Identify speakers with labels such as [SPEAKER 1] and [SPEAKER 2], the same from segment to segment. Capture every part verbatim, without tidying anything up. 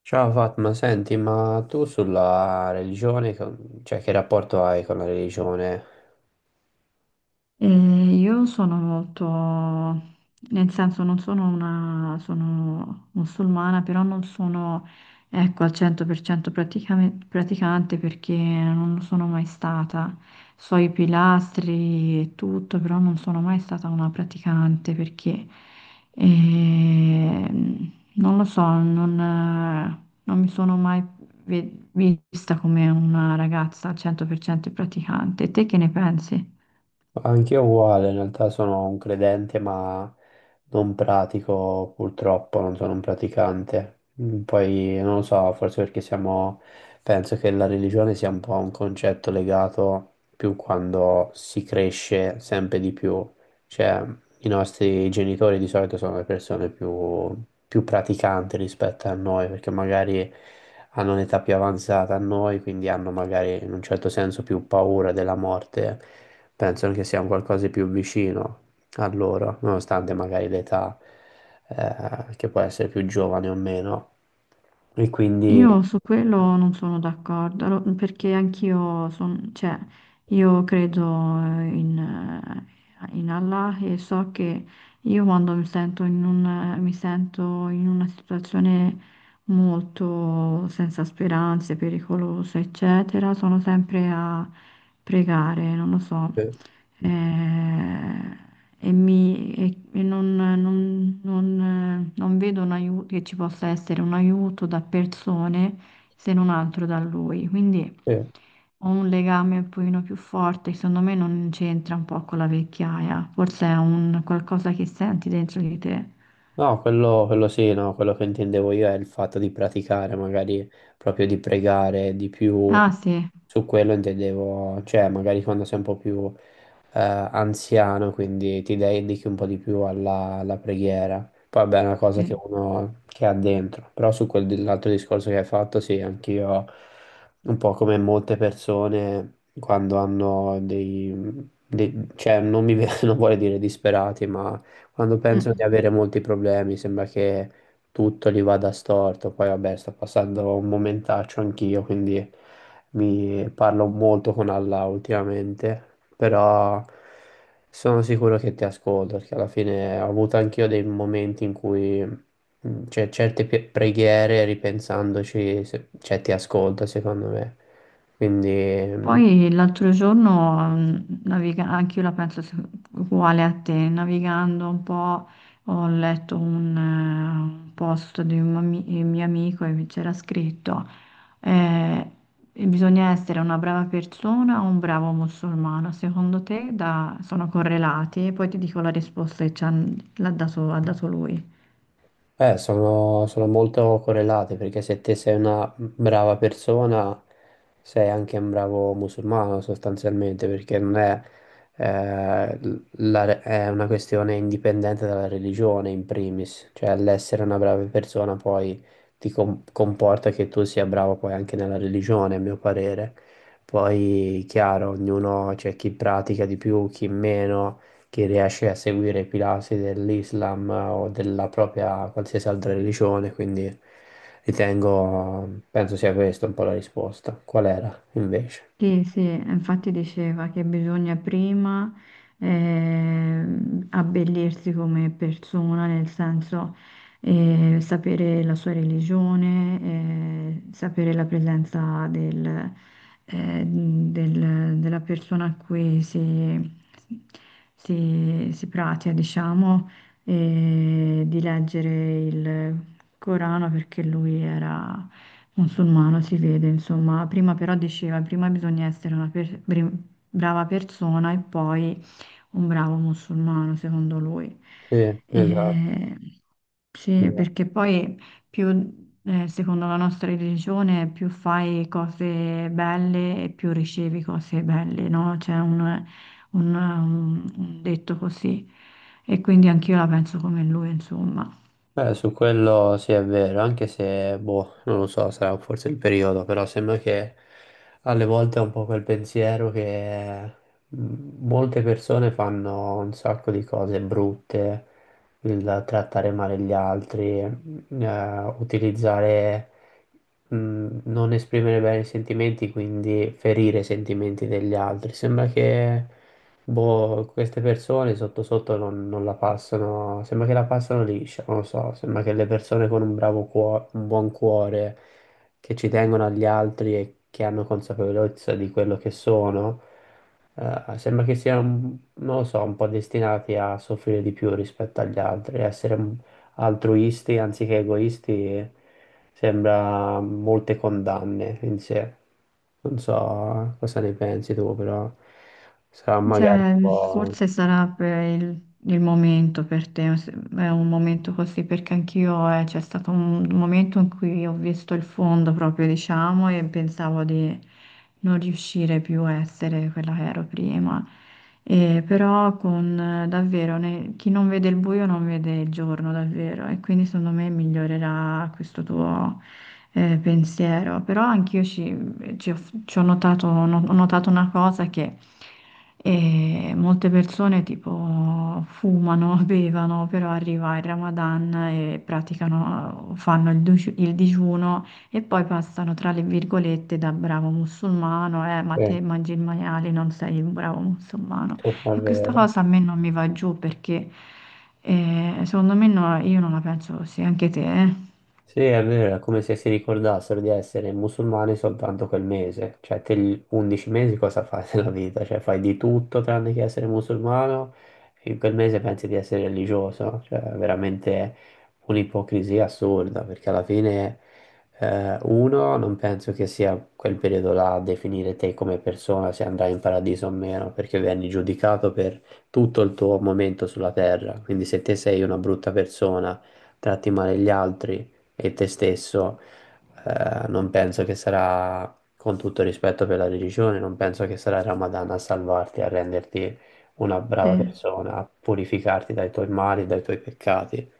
[SPEAKER 1] Ciao Fatma, senti, ma tu sulla religione, con- cioè che rapporto hai con la religione?
[SPEAKER 2] E io sono molto, nel senso non sono una, sono musulmana, però non sono, ecco, al cento per cento praticame- praticante perché non lo sono mai stata. So i pilastri e tutto, però non sono mai stata una praticante perché, ehm, non lo so, non, eh, non mi sono mai ve- vista come una ragazza al cento per cento praticante. Te che ne pensi?
[SPEAKER 1] Anch'io uguale, in realtà sono un credente, ma non pratico purtroppo, non sono un praticante. Mm, Poi non lo so, forse perché siamo, penso che la religione sia un po' un concetto legato più quando si cresce sempre di più. Cioè, I nostri genitori di solito sono le persone più, più praticanti rispetto a noi, perché magari hanno un'età più avanzata a noi, quindi hanno magari in un certo senso più paura della morte, pensano che sia un qualcosa di più vicino a loro, nonostante magari l'età eh, che può essere più giovane o meno. E quindi...
[SPEAKER 2] Io su quello non sono d'accordo, allo- perché anch'io son- cioè, io credo eh, in, eh, in Allah e so che io quando mi sento in un- mi sento in una situazione molto senza speranze, pericolosa, eccetera, sono sempre a pregare, non lo so.
[SPEAKER 1] Sì,
[SPEAKER 2] Eh, e, mi- e- e non, non- non- non vedo un aiuto, che ci possa essere un aiuto da persone se non altro da lui. Quindi
[SPEAKER 1] sì.
[SPEAKER 2] ho un legame un pochino più forte, che secondo me non c'entra un po' con la vecchiaia, forse è un qualcosa che senti dentro di te.
[SPEAKER 1] No, quello, quello sì, no, quello che intendevo io è il fatto di praticare, magari proprio di pregare di più,
[SPEAKER 2] Ah sì,
[SPEAKER 1] su quello intendevo, cioè magari quando sei un po' più eh, anziano, quindi ti dedichi un po' di più alla, alla preghiera. Poi vabbè, è una cosa che
[SPEAKER 2] sì.
[SPEAKER 1] uno che ha dentro, però su quell'altro discorso che hai fatto, sì, anch'io, un po' come molte persone quando hanno dei, dei- cioè non mi, non vuole dire disperati, ma quando penso di
[SPEAKER 2] Mm.
[SPEAKER 1] avere molti problemi, sembra che tutto gli vada storto. Poi, vabbè, sto passando un momentaccio anch'io, quindi mi parlo molto con Allah ultimamente, però sono sicuro che ti ascolto, perché alla fine ho avuto anch'io dei momenti in cui mm, c'è certe pi- preghiere, ripensandoci, se- cioè ti ascolta, secondo me. Quindi... mh,
[SPEAKER 2] Poi l'altro giorno, mh, naviga- anche io la penso se- uguale a te, navigando un po', ho letto un, eh, un post di un ami- eh, mio amico e mi c'era scritto, eh, e bisogna essere una brava persona o un bravo musulmano, secondo te da- sono correlati? E poi ti dico la risposta che ci han- l'ha dato- ha dato lui.
[SPEAKER 1] Eh, sono, sono molto correlate perché se te sei una brava persona, sei anche un bravo musulmano sostanzialmente, perché non è, eh, l- la re- è una questione indipendente dalla religione in primis, cioè l'essere una brava persona poi ti com- comporta che tu sia bravo poi anche nella religione, a mio parere. Poi, chiaro, ognuno c'è chi pratica di più, chi meno chi riesce a seguire i pilastri dell'Islam o della propria qualsiasi altra religione, quindi ritengo, penso sia questa un po' la risposta. Qual era invece?
[SPEAKER 2] Sì, sì, infatti diceva che bisogna prima eh, abbellirsi come persona, nel senso eh, sapere la sua religione, eh, sapere la presenza del, eh, del- della persona a cui si, si, si pratica, diciamo, e di leggere il Corano perché lui era musulmano si vede, insomma, prima però diceva, prima bisogna essere una per- bri- brava persona e poi un bravo musulmano, secondo lui.
[SPEAKER 1] Sì, esatto.
[SPEAKER 2] E- Sì, perché poi più, eh, secondo la nostra religione, più fai cose belle e più ricevi cose belle, no? C'è un, un- un detto così. E quindi anch'io la penso come lui, insomma.
[SPEAKER 1] Beh, su quello sì è vero, anche se, boh, non lo so, sarà forse il periodo, però sembra che alle volte è un po' quel pensiero che mh, molte persone fanno un sacco di cose brutte, il trattare male gli altri, mh, eh, utilizzare, mh, non esprimere bene i sentimenti, quindi ferire i sentimenti degli altri. Sembra che boh, queste persone sotto sotto non, non la passano, sembra che la passano liscia, non lo so, sembra che le persone con un bravo cuore, un buon cuore, che ci tengono agli altri e che hanno consapevolezza di quello che sono, eh, sembra che siano, non lo so, un po' destinati a soffrire di più rispetto agli altri, a essere un altruisti anziché egoisti, e sembra molte condanne in sé. Non so eh, cosa ne pensi tu, però sarà magari
[SPEAKER 2] Cioè,
[SPEAKER 1] un po'...
[SPEAKER 2] forse sarà per il, il momento per te, se- è un momento così perché anch'io eh, c'è stato un momento in cui ho visto il fondo proprio, diciamo, e pensavo di non riuscire più a essere quella che ero prima. E però con eh, davvero ne- chi non vede il buio non vede il giorno, davvero, e quindi secondo me migliorerà questo tuo eh, pensiero, però anch'io ci, ci ho, ci ho notato, no, ho notato una cosa che eh, molte persone tipo fumano, bevono, però arriva il Ramadan e praticano, fanno il, digiu- il digiuno e poi passano tra le virgolette da bravo musulmano, eh, ma
[SPEAKER 1] Eh,
[SPEAKER 2] te mangi il maiale, non sei un bravo musulmano.
[SPEAKER 1] è
[SPEAKER 2] E questa
[SPEAKER 1] vero.
[SPEAKER 2] cosa a me non mi va giù perché eh, secondo me no- io non la penso così, anche te, eh?
[SPEAKER 1] Sì, è vero, è come se si ricordassero di essere musulmani soltanto quel mese, cioè te gli undici mesi cosa fai nella vita? Cioè fai di tutto tranne che essere musulmano e in quel mese pensi di essere religioso, cioè è veramente un'ipocrisia assurda perché alla fine eh, uno non penso che sia quel periodo là a definire te come persona se andrai in paradiso o meno, perché vieni giudicato per tutto il tuo momento sulla terra, quindi se te sei una brutta persona, tratti male gli altri e te stesso, eh, non penso che sarà, con tutto rispetto per la religione, non penso che sarà il Ramadan a salvarti, a renderti una brava
[SPEAKER 2] Sì.
[SPEAKER 1] persona, a purificarti dai tuoi mali, dai tuoi peccati,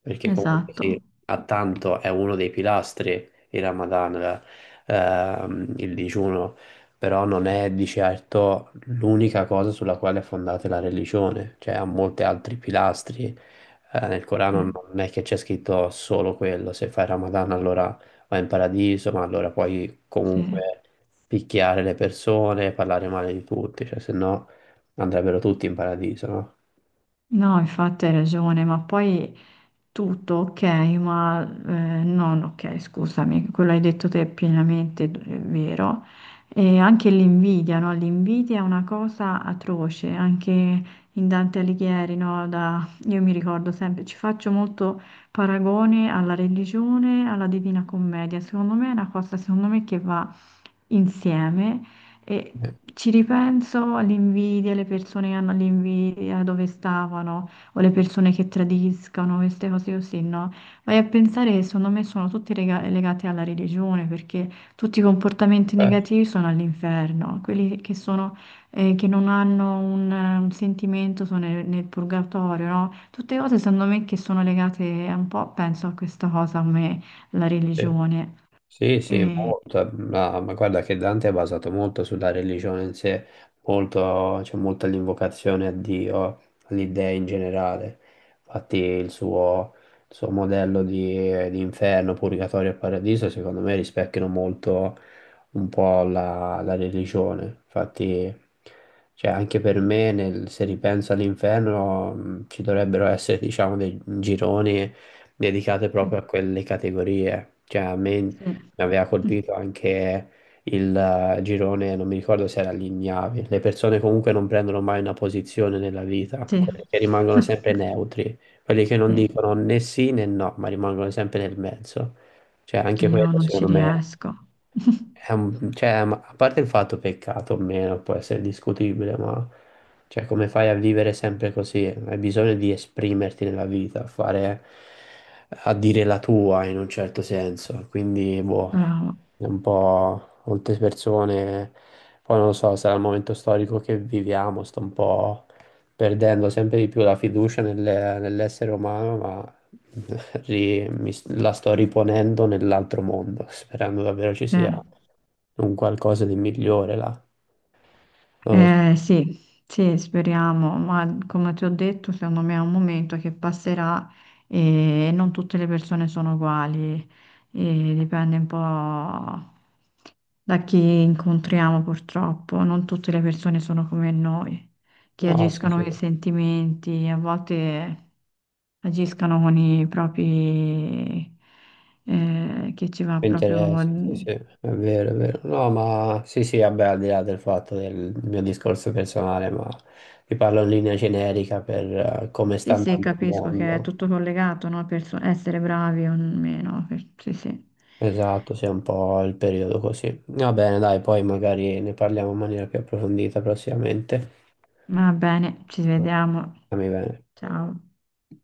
[SPEAKER 1] perché comunque
[SPEAKER 2] Esatto,
[SPEAKER 1] sì, a tanto è uno dei pilastri il Ramadan, la- ehm, il digiuno, però non è di certo l'unica cosa sulla quale è fondata la religione, cioè ha molti altri pilastri eh, nel Corano
[SPEAKER 2] sì,
[SPEAKER 1] non è che c'è scritto solo quello, se fai Ramadan allora vai in paradiso, ma allora puoi
[SPEAKER 2] sì.
[SPEAKER 1] comunque picchiare le persone, parlare male di tutti, cioè se no andrebbero tutti in paradiso, no?
[SPEAKER 2] No, infatti hai ragione, ma poi tutto ok, ma eh, non ok, scusami, quello hai detto te è pienamente d- è vero. E anche l'invidia, no? L'invidia è una cosa atroce, anche in Dante Alighieri, no? Da- io mi ricordo sempre, ci faccio molto paragone alla religione, alla Divina Commedia, secondo me è una cosa, secondo me, che va insieme. E
[SPEAKER 1] Eh,
[SPEAKER 2] ci ripenso all'invidia, le persone che hanno l'invidia, dove stavano, o le persone che tradiscano, queste cose così, no? Vai a pensare che secondo me sono tutte lega- legate alla religione, perché tutti i comportamenti
[SPEAKER 1] eh,
[SPEAKER 2] negativi sono all'inferno, quelli che sono, eh, che non hanno un, un sentimento sono nel, nel purgatorio, no? Tutte cose secondo me che sono legate un po', penso a questa cosa come la
[SPEAKER 1] sì.
[SPEAKER 2] religione.
[SPEAKER 1] Sì, sì,
[SPEAKER 2] E...
[SPEAKER 1] molto. Ma, ma guarda che Dante è basato molto sulla religione in sé, molto, c'è molta l'invocazione a Dio, all'idea in generale. Infatti il suo, il suo modello di, di inferno, purgatorio e paradiso, secondo me rispecchiano molto un po' la, la religione. Infatti, cioè, anche per me, nel- se ripenso all'inferno, mh, ci dovrebbero essere, diciamo, dei gironi dedicate
[SPEAKER 2] Sì.
[SPEAKER 1] proprio a quelle categorie. Cioè, a me mi
[SPEAKER 2] Sì.
[SPEAKER 1] aveva colpito anche il eh, girone, non mi ricordo se era l'Ignavi. Le persone comunque non prendono mai una posizione nella vita,
[SPEAKER 2] Sì,
[SPEAKER 1] quelli che rimangono sempre neutri, quelli che non
[SPEAKER 2] sì,
[SPEAKER 1] dicono né sì né no, ma rimangono sempre nel mezzo. Cioè, anche
[SPEAKER 2] io
[SPEAKER 1] quello
[SPEAKER 2] non ci
[SPEAKER 1] secondo me
[SPEAKER 2] riesco.
[SPEAKER 1] è un... cioè, ma- a parte il fatto peccato o meno, può essere discutibile, ma cioè, come fai a vivere sempre così? Hai bisogno di esprimerti nella vita, a fare... a dire la tua in un certo senso, quindi boh
[SPEAKER 2] Bravo,
[SPEAKER 1] un po' molte persone, poi non lo so, sarà il momento storico che viviamo, sto un po' perdendo sempre di più la fiducia nelle- nell'essere umano, ma ri- mi s- la sto riponendo nell'altro mondo, sperando davvero ci
[SPEAKER 2] sì.
[SPEAKER 1] sia un qualcosa di migliore là. Non lo so.
[SPEAKER 2] Eh, sì, sì, speriamo, ma come ti ho detto, secondo me è un momento che passerà e non tutte le persone sono uguali, e dipende un po' da chi incontriamo purtroppo, non tutte le persone sono come noi, che
[SPEAKER 1] No, sì,
[SPEAKER 2] agiscono
[SPEAKER 1] sì.
[SPEAKER 2] con i sentimenti, a volte agiscono con i propri, eh, che ci va
[SPEAKER 1] Mi
[SPEAKER 2] proprio.
[SPEAKER 1] interessa, sì, sì, è vero, è vero. No, ma sì, sì, vabbè, al di là del fatto del mio discorso personale, ma ti parlo in linea generica per eh, come sta
[SPEAKER 2] Sì, sì,
[SPEAKER 1] andando il
[SPEAKER 2] capisco che è
[SPEAKER 1] mondo.
[SPEAKER 2] tutto collegato, no? Per so- essere bravi o meno. per- Sì, sì.
[SPEAKER 1] Esatto, sì, è un po' il periodo così. Va bene, dai, poi magari ne parliamo in maniera più approfondita prossimamente.
[SPEAKER 2] Va bene, ci vediamo.
[SPEAKER 1] Stammi bene.
[SPEAKER 2] Ciao.